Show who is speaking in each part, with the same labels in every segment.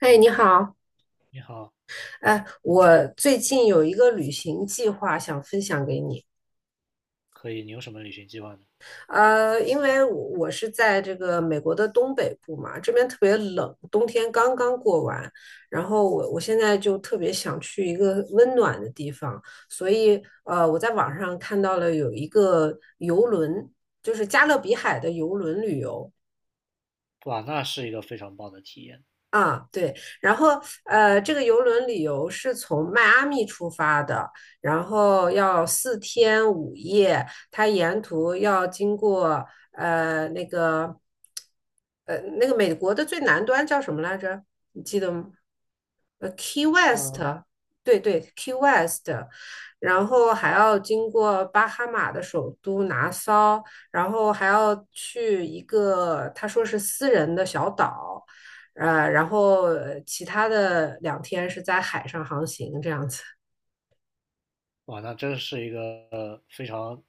Speaker 1: 哎，你好，
Speaker 2: 你好，
Speaker 1: 哎，我最近有一个旅行计划想分享给你。
Speaker 2: 可以，你有什么旅行计划呢？
Speaker 1: 因为我是在这个美国的东北部嘛，这边特别冷，冬天刚刚过完，然后我现在就特别想去一个温暖的地方，所以我在网上看到了有一个游轮，就是加勒比海的游轮旅游。
Speaker 2: 哇，那是一个非常棒的体验。
Speaker 1: 啊，对，然后这个游轮旅游是从迈阿密出发的，然后要四天五夜，它沿途要经过呃那个美国的最南端叫什么来着？你记得吗？Key West，
Speaker 2: 嗯，
Speaker 1: 对对，Key West，然后还要经过巴哈马的首都拿骚，然后还要去一个他说是私人的小岛。然后其他的2天是在海上航行这样子。
Speaker 2: 哇，那真是一个呃非常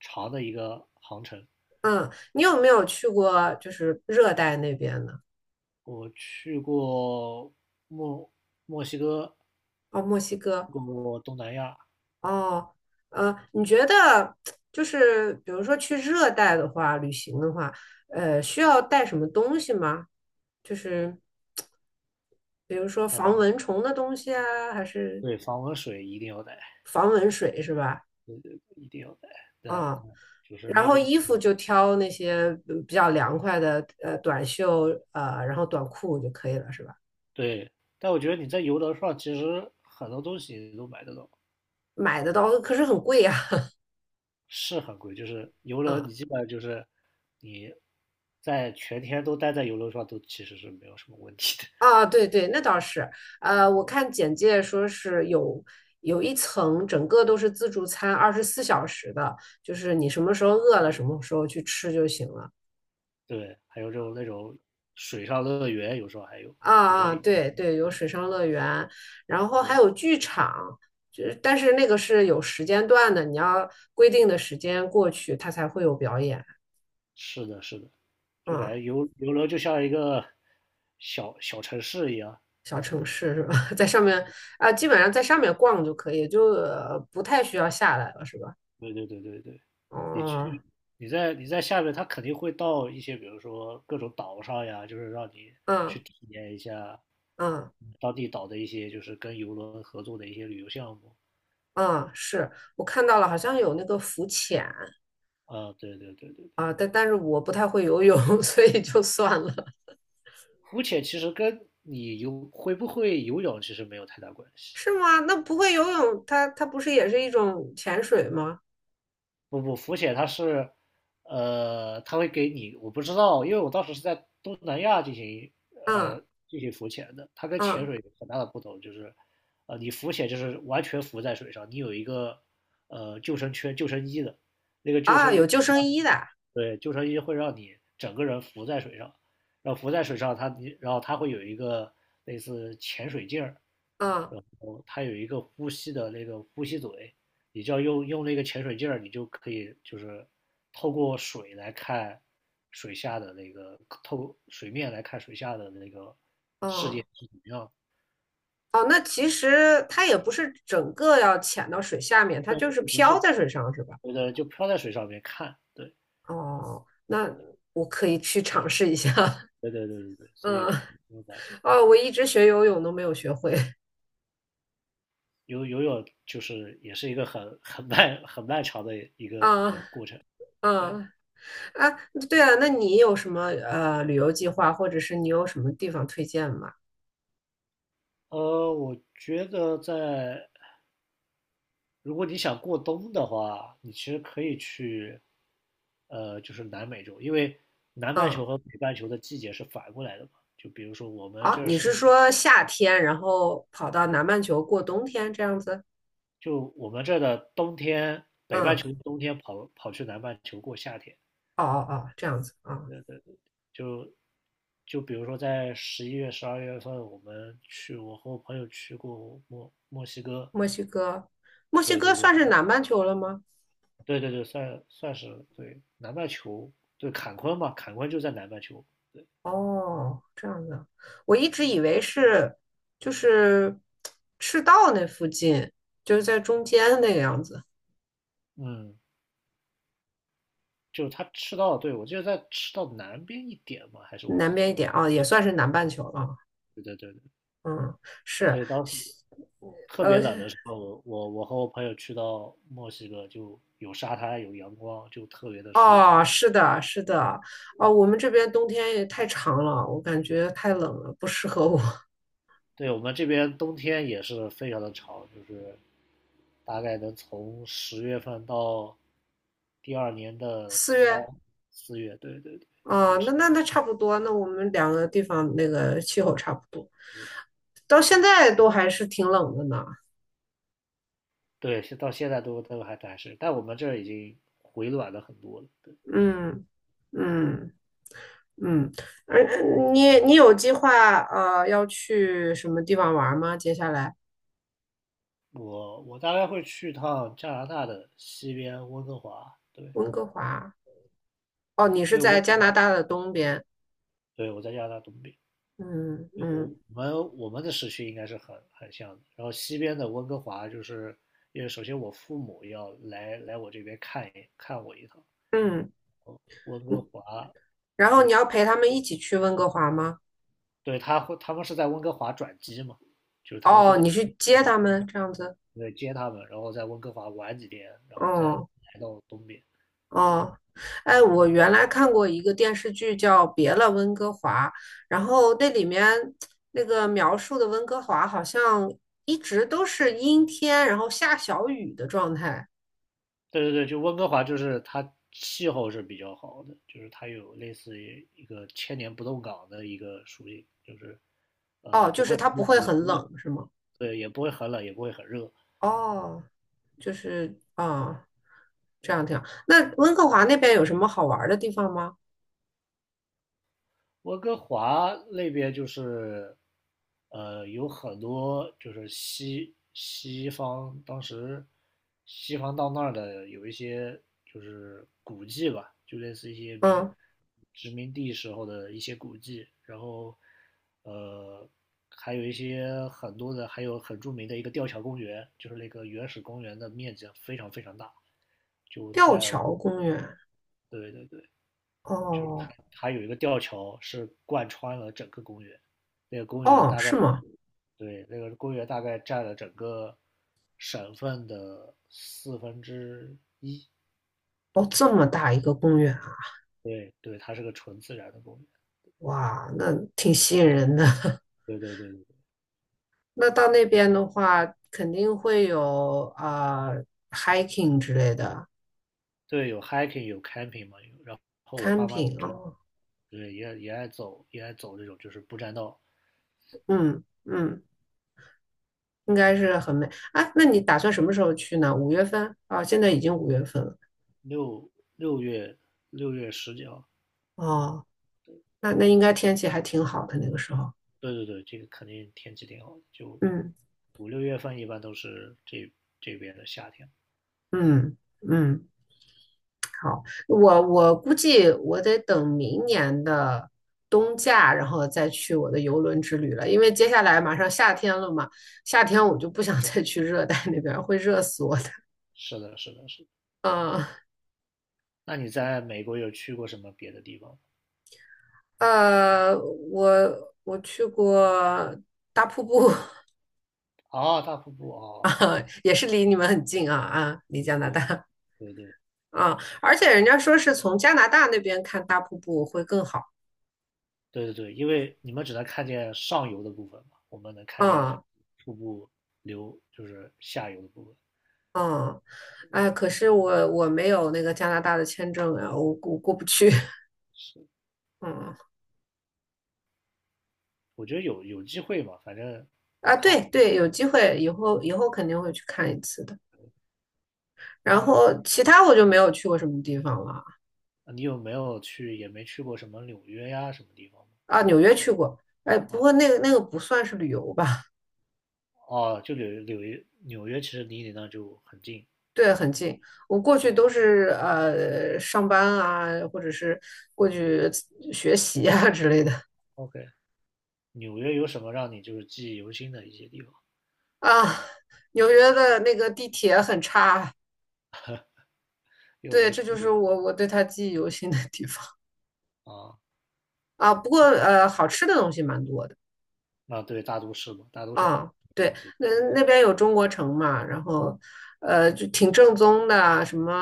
Speaker 2: 长的一个航程。
Speaker 1: 嗯，你有没有去过就是热带那边呢？
Speaker 2: 我去过墨墨西哥，
Speaker 1: 哦，墨西
Speaker 2: 去
Speaker 1: 哥。
Speaker 2: 过东南亚，
Speaker 1: 哦，你觉得就是比如说去热带的话，旅行的话，需要带什么东西吗？就是比如说防蚊虫的东西啊，还是
Speaker 2: 对，防蚊水一定要带，
Speaker 1: 防蚊水是吧？
Speaker 2: 一定要带。但那
Speaker 1: 啊、
Speaker 2: 就是
Speaker 1: 然
Speaker 2: 那
Speaker 1: 后
Speaker 2: 边，
Speaker 1: 衣服
Speaker 2: 嗯
Speaker 1: 就挑那些比较凉快的，短袖，然后短裤就可以了，是吧？
Speaker 2: 对，但我觉得你在游轮上其实很多东西都买得到。
Speaker 1: 买的到可是很贵呀、
Speaker 2: 是很贵，就是游轮，
Speaker 1: 啊，
Speaker 2: 你基本上就是你在全天都待在游轮上，都其实是没有什么问题的。
Speaker 1: 啊，对对，那倒是，我看简介说是有一层，整个都是自助餐，24小时的，就是你什么时候饿了，什么时候去吃就行了。
Speaker 2: 对，还有这种那种水上乐园，有时候还有
Speaker 1: 啊
Speaker 2: 有
Speaker 1: 啊，
Speaker 2: 些
Speaker 1: 对对，有水上乐园，然后还有剧场，就是但是那个是有时间段的，你要规定的时间过去，它才会有表演。
Speaker 2: 是的，是的，就感
Speaker 1: 啊，
Speaker 2: 觉游轮就像一个小小城市一样。
Speaker 1: 小城市是吧？在上面啊，基本上在上面逛就可以，就不太需要下来了，是吧？
Speaker 2: 对对对对对，你
Speaker 1: 哦，
Speaker 2: 去你在下面，它肯定会到一些，比如说各种岛上呀，就是让你去
Speaker 1: 嗯
Speaker 2: 体验一下
Speaker 1: 嗯
Speaker 2: 当地岛的一些，就是跟游轮合作的一些旅游项目。
Speaker 1: 嗯，是我看到了，好像有那个浮潜
Speaker 2: 啊，对对对对对，
Speaker 1: 啊，但是我不太会游泳，所以就算了。
Speaker 2: 浮潜其实跟你会不会游泳其实没有太大关系。
Speaker 1: 是吗？那不会游泳，它它不是也是一种潜水吗？
Speaker 2: 不不，浮潜它是，它会给你，我不知道，因为我当时是在东南亚
Speaker 1: 嗯
Speaker 2: 呃进行浮潜的，它跟潜
Speaker 1: 嗯
Speaker 2: 水有很大的不同，就是，你浮潜就是完全浮在水上，你有一个救生圈、救生衣的，那个救
Speaker 1: 啊，
Speaker 2: 生衣
Speaker 1: 有救生衣的。
Speaker 2: 对，救生衣会让你整个人浮在水上，然后浮在水上它，然后它会有一个类似潜水镜儿，
Speaker 1: 嗯
Speaker 2: 然后它有一个呼吸的那个呼吸嘴，你就要用那个潜水镜儿，你就可以就是透过水来看水下的那个，透过水面来看水下的那个世界
Speaker 1: 嗯
Speaker 2: 是怎么样的，
Speaker 1: 哦，那其实它也不是整个要潜到水下面，它就
Speaker 2: 就
Speaker 1: 是
Speaker 2: 不是
Speaker 1: 漂在水上，是吧？
Speaker 2: 觉得就漂在水上面看，对，
Speaker 1: 哦，那我可以去尝试一下。
Speaker 2: 对对对对对，所以
Speaker 1: 嗯，
Speaker 2: 不用担心。
Speaker 1: 哦，我一直学游泳都没有学会。
Speaker 2: 游泳就是也是一个很漫长的一个
Speaker 1: 啊
Speaker 2: 过程。
Speaker 1: 啊
Speaker 2: 对，
Speaker 1: 啊！对啊，那你有什么旅游计划，或者是你有什么地方推荐吗？
Speaker 2: 我觉得如果你想过冬的话，你其实可以去，就是南美洲，因为南半
Speaker 1: 嗯，
Speaker 2: 球和北半球的季节是反过来的嘛。就比如说我们
Speaker 1: 啊，
Speaker 2: 这
Speaker 1: 你
Speaker 2: 是，
Speaker 1: 是说夏天，然后跑到南半球过冬天这样子？
Speaker 2: 就我们这的冬天，北半
Speaker 1: 嗯，
Speaker 2: 球的冬天跑去南半球过夏天，
Speaker 1: 哦哦哦，这样子啊。
Speaker 2: 就就比如说在11月、12月份，我们去，我和我朋友去过墨西哥，
Speaker 1: 墨西哥，墨西
Speaker 2: 对
Speaker 1: 哥
Speaker 2: 对对
Speaker 1: 算是南半球了吗？
Speaker 2: 对对对，算是对南半球，对坎昆嘛，坎昆就在南半球，对
Speaker 1: 哦，这样的，我一直以
Speaker 2: 对，
Speaker 1: 为是就是赤道那附近，就是在中间那个样子，
Speaker 2: 嗯，就他赤道，对我记得在吃到南边一点嘛，还是我
Speaker 1: 南
Speaker 2: 记
Speaker 1: 边一
Speaker 2: 错了，
Speaker 1: 点
Speaker 2: 反
Speaker 1: 啊，也
Speaker 2: 正
Speaker 1: 算是南半球了。
Speaker 2: 对对对对，
Speaker 1: 嗯，是，
Speaker 2: 所以当时特
Speaker 1: 呃，
Speaker 2: 别冷的时候，我和我朋友去到墨西哥，就有沙滩有阳光，就特别的舒服，
Speaker 1: 哦，是的，是的，哦，我们这边冬天也太长了，我感觉太冷了，不适合我。
Speaker 2: 对我们这边冬天也是非常的长，就是大概能从10月份到第二年的
Speaker 1: 四
Speaker 2: 三
Speaker 1: 月
Speaker 2: 四月，对对对
Speaker 1: 啊，那差不多，那我们两个地方那个气候差不多，到现在都还是挺冷的呢。
Speaker 2: 对，到现在都还是，但我们这儿已经回暖了很多了。对，
Speaker 1: 嗯嗯。嗯，而你有计划要去什么地方玩吗？接下来
Speaker 2: 我大概会去趟加拿大的西边温哥华，对，
Speaker 1: 温哥华哦，你是
Speaker 2: 因为
Speaker 1: 在
Speaker 2: 温哥
Speaker 1: 加拿
Speaker 2: 华，
Speaker 1: 大的东边，
Speaker 2: 对，我在加拿大东边，
Speaker 1: 嗯
Speaker 2: 我
Speaker 1: 嗯
Speaker 2: 我们的时区应该是很像的。然后西边的温哥华，就是因为首先我父母要来我这边看一看我一趟。
Speaker 1: 嗯，
Speaker 2: 温哥华，
Speaker 1: 然后你要陪他们一起去温哥华吗？
Speaker 2: 对，他们是在温哥华转机嘛，就是他们会
Speaker 1: 哦，
Speaker 2: 在
Speaker 1: 你去接他们这样子，
Speaker 2: 对接他们，然后在温哥华玩几天，然后再
Speaker 1: 哦
Speaker 2: 来到东边。对，
Speaker 1: 哦，哎，我原来看过一个电视剧叫《别了，温哥华》，然后那里面那个描述的温哥华好像一直都是阴天，然后下小雨的状态。
Speaker 2: 对对对，就温哥华就是它气候是比较好的，就是它有类似于一个千年不动港的一个属性，就是
Speaker 1: 哦，
Speaker 2: 不
Speaker 1: 就是
Speaker 2: 会很
Speaker 1: 它不会
Speaker 2: 冷也
Speaker 1: 很
Speaker 2: 不会
Speaker 1: 冷，是吗？
Speaker 2: 对，也不会很冷，也不会很热。
Speaker 1: 哦，就是啊，这样挺好。那温哥华那边有什么好玩儿的地方吗？
Speaker 2: 温哥华那边就是，有很多就是西方，当时西方到那儿的有一些就是古迹吧，就类似一些民
Speaker 1: 嗯，
Speaker 2: 殖民地时候的一些古迹，然后呃，还有一些很多的，还有很著名的一个吊桥公园，就是那个原始公园的面积非常非常大，就
Speaker 1: 吊
Speaker 2: 在
Speaker 1: 桥公园。
Speaker 2: 对对对。就是
Speaker 1: 哦
Speaker 2: 它有一个吊桥是贯穿了整个公园，那个公园
Speaker 1: 哦，
Speaker 2: 大概
Speaker 1: 是吗？
Speaker 2: 对那个公园大概占了整个省份的1/4。
Speaker 1: 哦，这么大一个公园啊，
Speaker 2: 对对，它是个纯自然的公园。
Speaker 1: 哇，那挺吸引人的。
Speaker 2: 对对对对
Speaker 1: 那到那边的话，肯定会有啊、hiking 之类的
Speaker 2: 对，有 hiking 有 camping 嘛，然后我爸妈
Speaker 1: camping
Speaker 2: 就，
Speaker 1: 哦，
Speaker 2: 对也爱走这种就是不占道。
Speaker 1: 嗯嗯，应该是很美。哎，那你打算什么时候去呢？五月份啊，现在已经五月份了。
Speaker 2: 六六月六月十几号，
Speaker 1: 哦，那应该天气还挺好的那个时候。
Speaker 2: 对对对，这个肯定天气挺好的，就
Speaker 1: 嗯
Speaker 2: 五六月份一般都是这边的夏天。
Speaker 1: 嗯嗯，好，我估计我得等明年的冬假，然后再去我的游轮之旅了，因为接下来马上夏天了嘛，夏天我就不想再去热带那边儿，会热死我的。
Speaker 2: 是的，是的，是的。
Speaker 1: 啊
Speaker 2: 那你在美国有去过什么别的地方吗？
Speaker 1: 呃，我去过大瀑布
Speaker 2: 哦，大瀑布 哦，
Speaker 1: 啊，也是离你们很近啊啊，
Speaker 2: 对
Speaker 1: 离
Speaker 2: 对
Speaker 1: 加拿
Speaker 2: 对
Speaker 1: 大
Speaker 2: 对对
Speaker 1: 啊，而且人家说是从加拿大那边看大瀑布会更好。
Speaker 2: 对对对，因为你们只能看见上游的部分嘛，我们能看见整
Speaker 1: 啊。
Speaker 2: 个瀑布流就是下游的部分。
Speaker 1: 嗯，哎，可是我没有那个加拿大的签证啊，我过不去。
Speaker 2: 是，
Speaker 1: 嗯，
Speaker 2: 我觉得有机会嘛，反正
Speaker 1: 啊，
Speaker 2: 他
Speaker 1: 对对，有机会以后肯定会去看一次的。然
Speaker 2: 他
Speaker 1: 后其他我就没有去过什么地方了
Speaker 2: 你有没有去也没去过什么纽约呀什么地方吗？
Speaker 1: 啊，纽约去过，哎，不
Speaker 2: 哦
Speaker 1: 过那个不算是旅游吧？
Speaker 2: 哦，就纽约其实离你那就很近。
Speaker 1: 对，很近。我过去都
Speaker 2: 啊。
Speaker 1: 是上班啊，或者是过去学习啊之类的
Speaker 2: o k 纽约有什么让你就是记忆犹新的一些地方？
Speaker 1: 啊。纽约的那个地铁很差，
Speaker 2: 因为我
Speaker 1: 对，
Speaker 2: 没
Speaker 1: 这
Speaker 2: 去
Speaker 1: 就是我对它记忆犹新的地方。
Speaker 2: 啊。哦
Speaker 1: 啊，不过好吃的东西蛮多的
Speaker 2: 啊，对，大都市嘛，大都市好吃
Speaker 1: 啊。
Speaker 2: 的
Speaker 1: 对，
Speaker 2: 东西，
Speaker 1: 那那边有中国城嘛，然后就挺正宗的，什么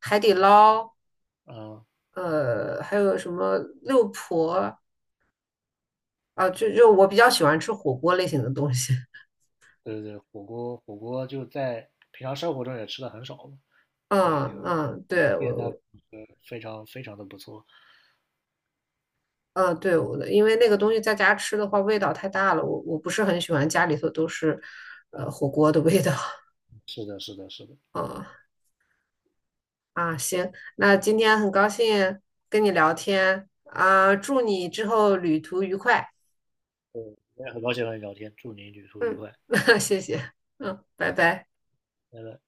Speaker 1: 海底捞，
Speaker 2: 嗯，啊
Speaker 1: 还有什么六婆啊，就我比较喜欢吃火锅类型的东西。
Speaker 2: 对对对，火锅就在平常生活中也吃的很少嘛，对，
Speaker 1: 嗯
Speaker 2: 有一
Speaker 1: 嗯，
Speaker 2: 一个
Speaker 1: 对我，
Speaker 2: 店那
Speaker 1: 我
Speaker 2: 非常非常的不错，
Speaker 1: 嗯对我的，因为那个东西在家吃的话味道太大了，我不是很喜欢家里头都是火锅的味道。
Speaker 2: 是的，是的，是的，
Speaker 1: 啊。啊，行，那今天很高兴跟你聊天啊，祝你之后旅途愉快。
Speaker 2: 对，我也很高兴和你聊天，祝你旅途愉
Speaker 1: 嗯，
Speaker 2: 快，
Speaker 1: 谢谢，嗯，拜拜。
Speaker 2: 拜拜。